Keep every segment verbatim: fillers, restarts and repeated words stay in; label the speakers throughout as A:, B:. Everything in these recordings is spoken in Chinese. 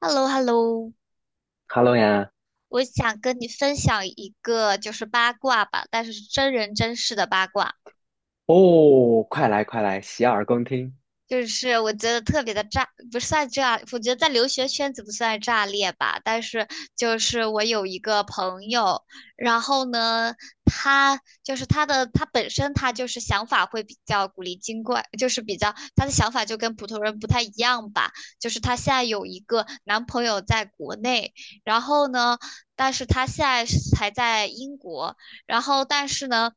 A: h e l l o h e l l o。
B: Hello 呀，
A: 我想跟你分享一个就是八卦吧，但是是真人真事的八卦。
B: 哦，快来快来，洗耳恭听。
A: 就是我觉得特别的炸，不算炸，我觉得在留学圈子不算炸裂吧。但是就是我有一个朋友，然后呢，他就是他的他本身他就是想法会比较古灵精怪，就是比较他的想法就跟普通人不太一样吧。就是他现在有一个男朋友在国内，然后呢，但是他现在是还在英国，然后但是呢。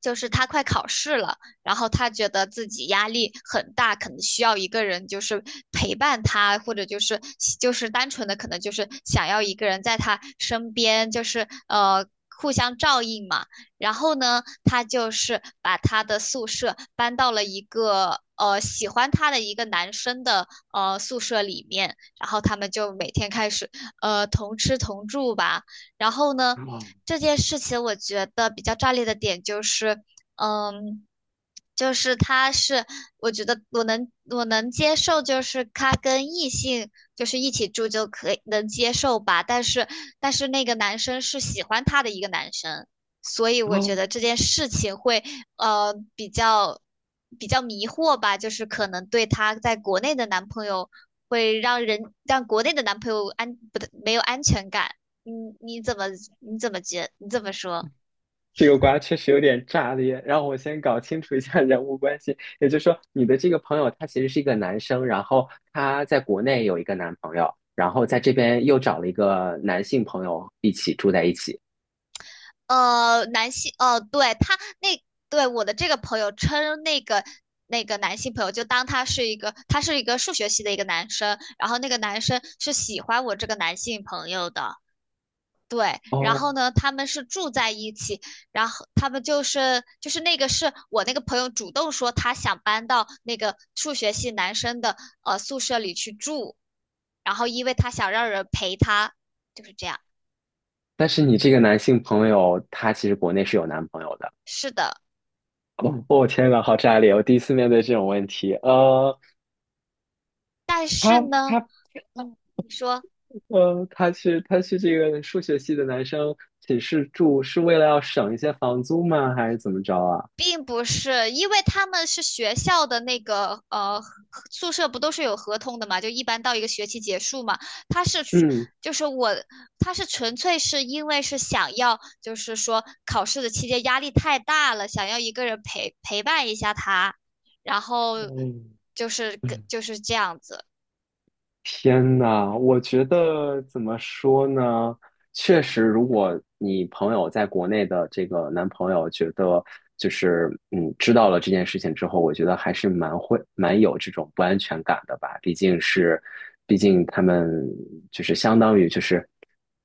A: 就是他快考试了，然后他觉得自己压力很大，可能需要一个人就是陪伴他，或者就是就是单纯的可能就是想要一个人在他身边，就是呃互相照应嘛。然后呢，他就是把他的宿舍搬到了一个呃喜欢他的一个男生的呃宿舍里面，然后他们就每天开始呃同吃同住吧。然后呢，
B: 哦，
A: 这件事情我觉得比较炸裂的点就是，嗯，就是他是，我觉得我能我能接受，就是他跟异性就是一起住就可以能接受吧，但是但是那个男生是喜欢他的一个男生，所以我觉
B: 哦，
A: 得这件事情会呃比较比较迷惑吧，就是可能对他在国内的男朋友会让人让国内的男朋友安不对没有安全感，嗯，你怎么你怎么觉你怎么说？
B: 这个瓜确实有点炸裂，让我先搞清楚一下人物关系。也就是说，你的这个朋友他其实是一个男生，然后他在国内有一个男朋友，然后在这边又找了一个男性朋友一起住在一起。
A: 呃，男性，哦，对，他那，对，我的这个朋友称那个那个男性朋友，就当他是一个，他是一个数学系的一个男生，然后那个男生是喜欢我这个男性朋友的，对，然
B: 哦，
A: 后呢，他们是住在一起，然后他们就是就是那个是我那个朋友主动说他想搬到那个数学系男生的呃宿舍里去住，然后因为他想让人陪他，就是这样，
B: 但是你这个男性朋友他其实国内是有男朋友的。
A: 是的，
B: 哦，我天呐，好炸裂！我第一次面对这种问题。呃，
A: 但是
B: 他
A: 呢，
B: 他
A: 嗯，你说。
B: 呃，他去他去这个数学系的男生寝室住，是为了要省一些房租吗？还是怎么着啊？
A: 并不是，因为他们是学校的那个呃宿舍，不都是有合同的嘛？就一般到一个学期结束嘛，他是
B: 嗯，
A: 就是我，他是纯粹是因为是想要，就是说考试的期间压力太大了，想要一个人陪陪伴一下他，然后
B: 嗯
A: 就是跟
B: 嗯，
A: 就是这样子，
B: 天呐，我觉得怎么说呢？确实，如果你朋友在国内的这个男朋友觉得就是嗯知道了这件事情之后，我觉得还是蛮会蛮有这种不安全感的吧。毕竟是，毕竟他们就是相当于就是。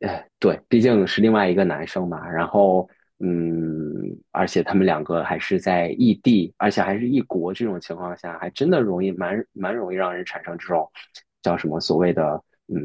B: 呃，对，毕竟是另外一个男生嘛，然后，嗯，而且他们两个还是在异地，而且还是异国这种情况下，还真的容易蛮蛮容易让人产生这种叫什么所谓的，嗯，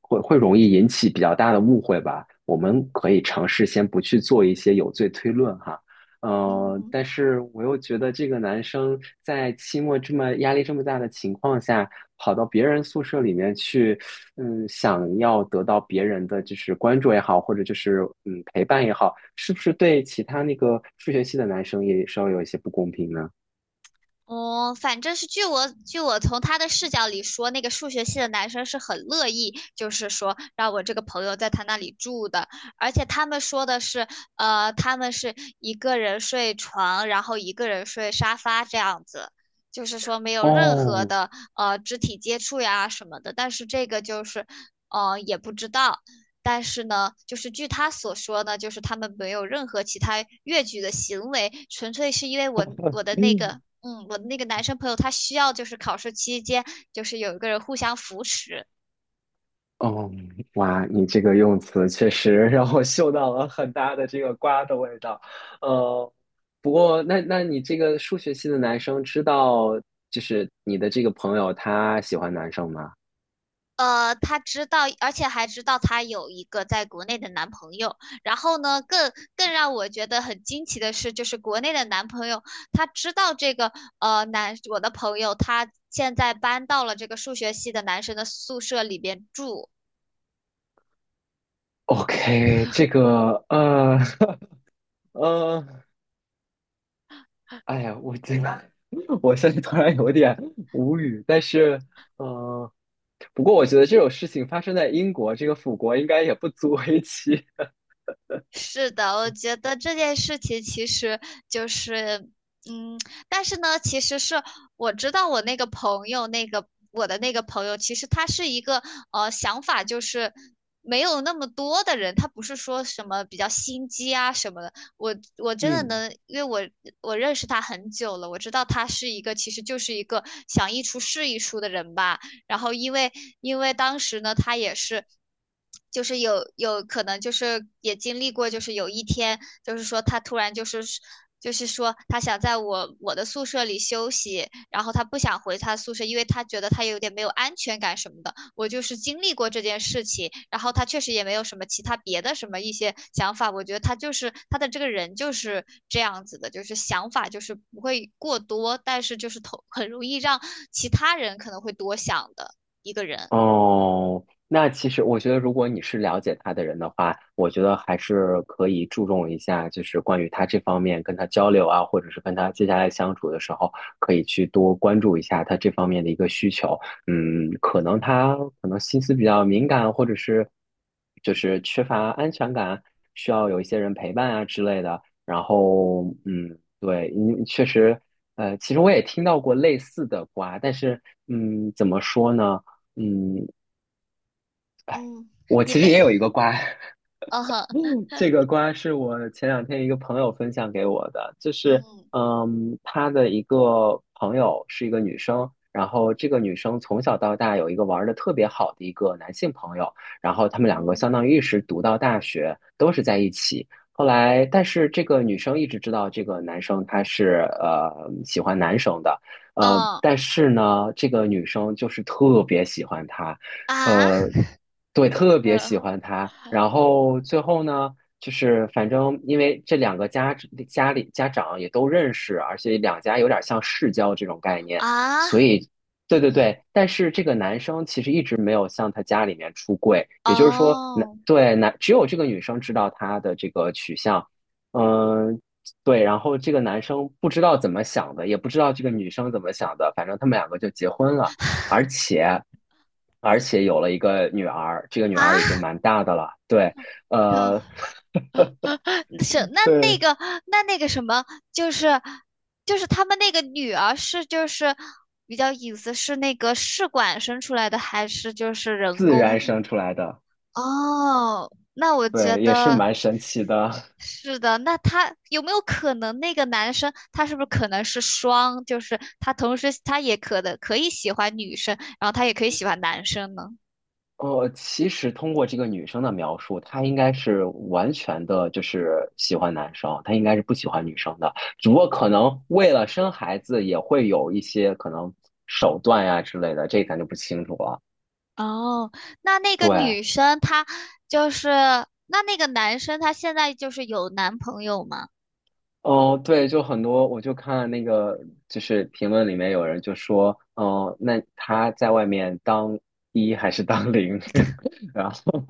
B: 会会容易引起比较大的误会吧。我们可以尝试先不去做一些有罪推论哈，呃，
A: 嗯。
B: 但是我又觉得这个男生在期末这么压力这么大的情况下，跑到别人宿舍里面去，嗯，想要得到别人的就是关注也好，或者就是嗯陪伴也好，是不是对其他那个数学系的男生也稍微有一些不公平呢？
A: 哦，反正是据我据我从他的视角里说，那个数学系的男生是很乐意，就是说让我这个朋友在他那里住的，而且他们说的是，呃，他们是一个人睡床，然后一个人睡沙发这样子，就是说没有任何
B: 哦，
A: 的呃肢体接触呀什么的。但是这个就是，呃，也不知道。但是呢，就是据他所说呢，就是他们没有任何其他越矩的行为，纯粹是因为我我的那
B: 嗯。
A: 个嗯，我的那个男生朋友他需要就是考试期间就是有一个人互相扶持。
B: 哦，哇，你这个用词确实让我嗅到了很大的这个瓜的味道。呃，不过那那你这个数学系的男生知道，就是你的这个朋友他喜欢男生吗
A: 呃，他知道，而且还知道他有一个在国内的男朋友。然后呢，更更让我觉得很惊奇的是，就是国内的男朋友，他知道这个呃男我的朋友他现在搬到了这个数学系的男生的宿舍里边住。
B: ？OK，这个呃 呃，哎呀，我这个 我现在突然有点无语，但是呃，不过我觉得这种事情发生在英国这个腐国应该也不足为奇。
A: 是的，我觉得这件事情其实就是，嗯，但是呢，其实是我知道我那个朋友，那个我的那个朋友，其实他是一个呃想法就是没有那么多的人，他不是说什么比较心机啊什么的。我我 真的
B: 嗯。
A: 能，因为我我认识他很久了，我知道他是一个其实就是一个想一出是一出的人吧。然后因为因为当时呢，他也是。就是有有可能就是也经历过，就是有一天就是说他突然就是就是说他想在我我的宿舍里休息，然后他不想回他宿舍，因为他觉得他有点没有安全感什么的。我就是经历过这件事情，然后他确实也没有什么其他别的什么一些想法。我觉得他就是他的这个人就是这样子的，就是想法就是不会过多，但是就是头很容易让其他人可能会多想的一个人。
B: 哦，那其实我觉得，如果你是了解他的人的话，我觉得还是可以注重一下，就是关于他这方面跟他交流啊，或者是跟他接下来相处的时候，可以去多关注一下他这方面的一个需求。嗯，可能他可能心思比较敏感，或者是就是缺乏安全感，需要有一些人陪伴啊之类的。然后，嗯，对，你确实。呃，其实我也听到过类似的瓜，但是，嗯，怎么说呢？嗯，哎，
A: 嗯，
B: 我
A: 你
B: 其实
A: 累，
B: 也有一个瓜，
A: 嗯哼，
B: 这个瓜是我前两天一个朋友分享给我的，就是，
A: 嗯
B: 嗯，他的一个朋友是一个女生，然后这个女生从小到大有一个玩的特别好的一个男性朋友，然后他们两个
A: 嗯，
B: 相当于一直读到大学，都是在一起。后来，但是这个女生一直知道这个男生他是呃喜欢男生的，呃，
A: 嗯
B: 但是呢，这个女生就是特别喜欢他。呃，
A: 啊。
B: 对，特别喜 欢他。然后最后呢，就是反正因为这两个家家里家长也都认识，而且两家有点像世交这种概念，
A: 啊，
B: 所以对对对。但是这个男生其实一直没有向他家里面出柜，也就是说，男
A: 哦，
B: 对男只有这个女生知道他的这个取向，嗯。对，然后这个男生不知道怎么想的，也不知道这个女生怎么想的，反正他们两个就结婚了。而且而且有了一个女儿，这个女儿已经
A: 啊，
B: 蛮大的了，对，呃，
A: 啊是 那那
B: 对，
A: 个那那个什么，就是就是他们那个女儿是就是比较隐私，是那个试管生出来的，还是就是人
B: 自然
A: 工？
B: 生出来的，
A: 哦，那我觉
B: 对，也是
A: 得
B: 蛮神奇的。
A: 是的。那他有没有可能那个男生他是不是可能是双，就是他同时他也可能可以喜欢女生，然后他也可以喜欢男生呢？
B: 哦，其实通过这个女生的描述，她应该是完全的，就是喜欢男生，她应该是不喜欢女生的。只不过可能为了生孩子，也会有一些可能手段呀之类的，这咱就不清楚了。
A: 哦，那那个
B: 对，
A: 女生她就是，那那个男生他现在就是有男朋友吗？
B: 哦，对，就很多，我就看那个，就是评论里面有人就说，哦，那他在外面当一还是当零？然后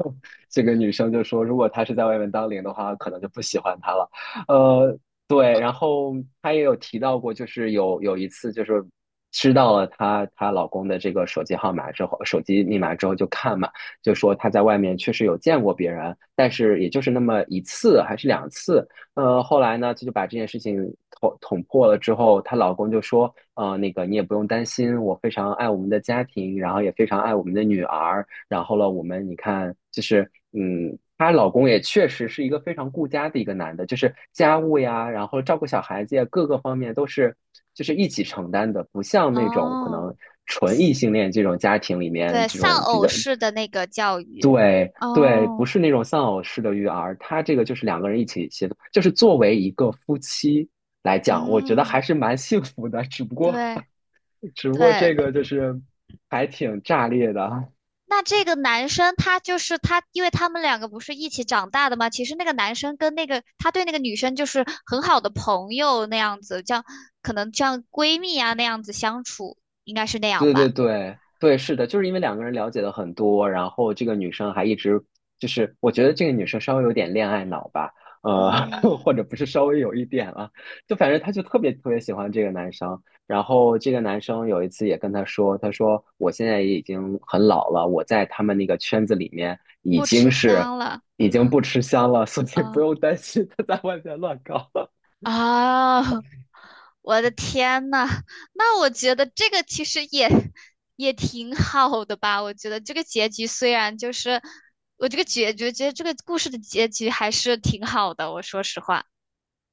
B: 这个女生就说，如果他是在外面当零的话，可能就不喜欢他了。呃，对，然后她也有提到过，就是有有一次，就是知道了她她老公的这个手机号码之后，手机密码之后就看嘛，就说她在外面确实有见过别人，但是也就是那么一次还是两次。呃，后来呢，就就把这件事情捅捅破了之后，她老公就说，呃，那个你也不用担心，我非常爱我们的家庭，然后也非常爱我们的女儿，然后了，我们你看，就是嗯，她老公也确实是一个非常顾家的一个男的，就是家务呀，然后照顾小孩子呀，各个方面都是就是一起承担的，不像那种可
A: 哦
B: 能纯异性恋这种家庭里面
A: 对，
B: 这
A: 丧
B: 种比
A: 偶
B: 较
A: 式的那个教育。
B: 对对，不
A: 哦，
B: 是那种丧偶式的育儿，他这个就是两个人一起协作，就是作为一个夫妻来讲，我觉得还
A: 嗯，
B: 是蛮幸福的，只不过
A: 对
B: 只不过
A: 对。
B: 这个就是还挺炸裂的，
A: 那这个男生他就是他，因为他们两个不是一起长大的吗？其实那个男生跟那个他对那个女生就是很好的朋友那样子，这样可能这样闺蜜啊那样子相处，应该是那样
B: 对对
A: 吧？
B: 对对，是的，就是因为两个人了解的很多，然后这个女生还一直就是，我觉得这个女生稍微有点恋爱脑吧，呃，
A: 嗯，
B: 或者不是稍微有一点啊，就反正她就特别特别喜欢这个男生，然后这个男生有一次也跟她说，她说我现在也已经很老了，我在他们那个圈子里面已
A: 不
B: 经
A: 吃
B: 是
A: 香了。
B: 已经不吃香了，所以不用
A: 啊。
B: 担心他在外面乱搞。
A: 啊，我的天呐，那我觉得这个其实也也挺好的吧。我觉得这个结局虽然就是，我这个结局，觉得这个故事的结局还是挺好的。我说实话，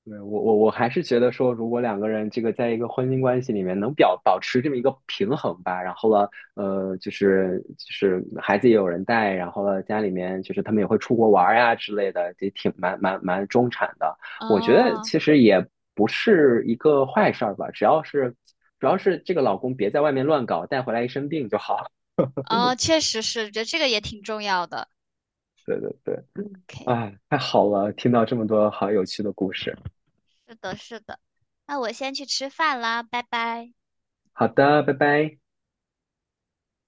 B: 对，我我我还是觉得说，如果两个人这个在一个婚姻关系里面能表保持这么一个平衡吧，然后了，呃，就是就是孩子也有人带，然后了家里面就是他们也会出国玩儿呀之类的，也挺蛮蛮蛮中产的。我觉得
A: 哦
B: 其实也不是一个坏事儿吧，只要是主要是这个老公别在外面乱搞，带回来一身病就好了。
A: 哦，确实是，觉得这个也挺重要的。
B: 对对对，
A: OK，
B: 啊，太好了，听到这么多好有趣的故事。
A: 是的，是的。那我先去吃饭啦，拜拜。
B: 好的，拜拜。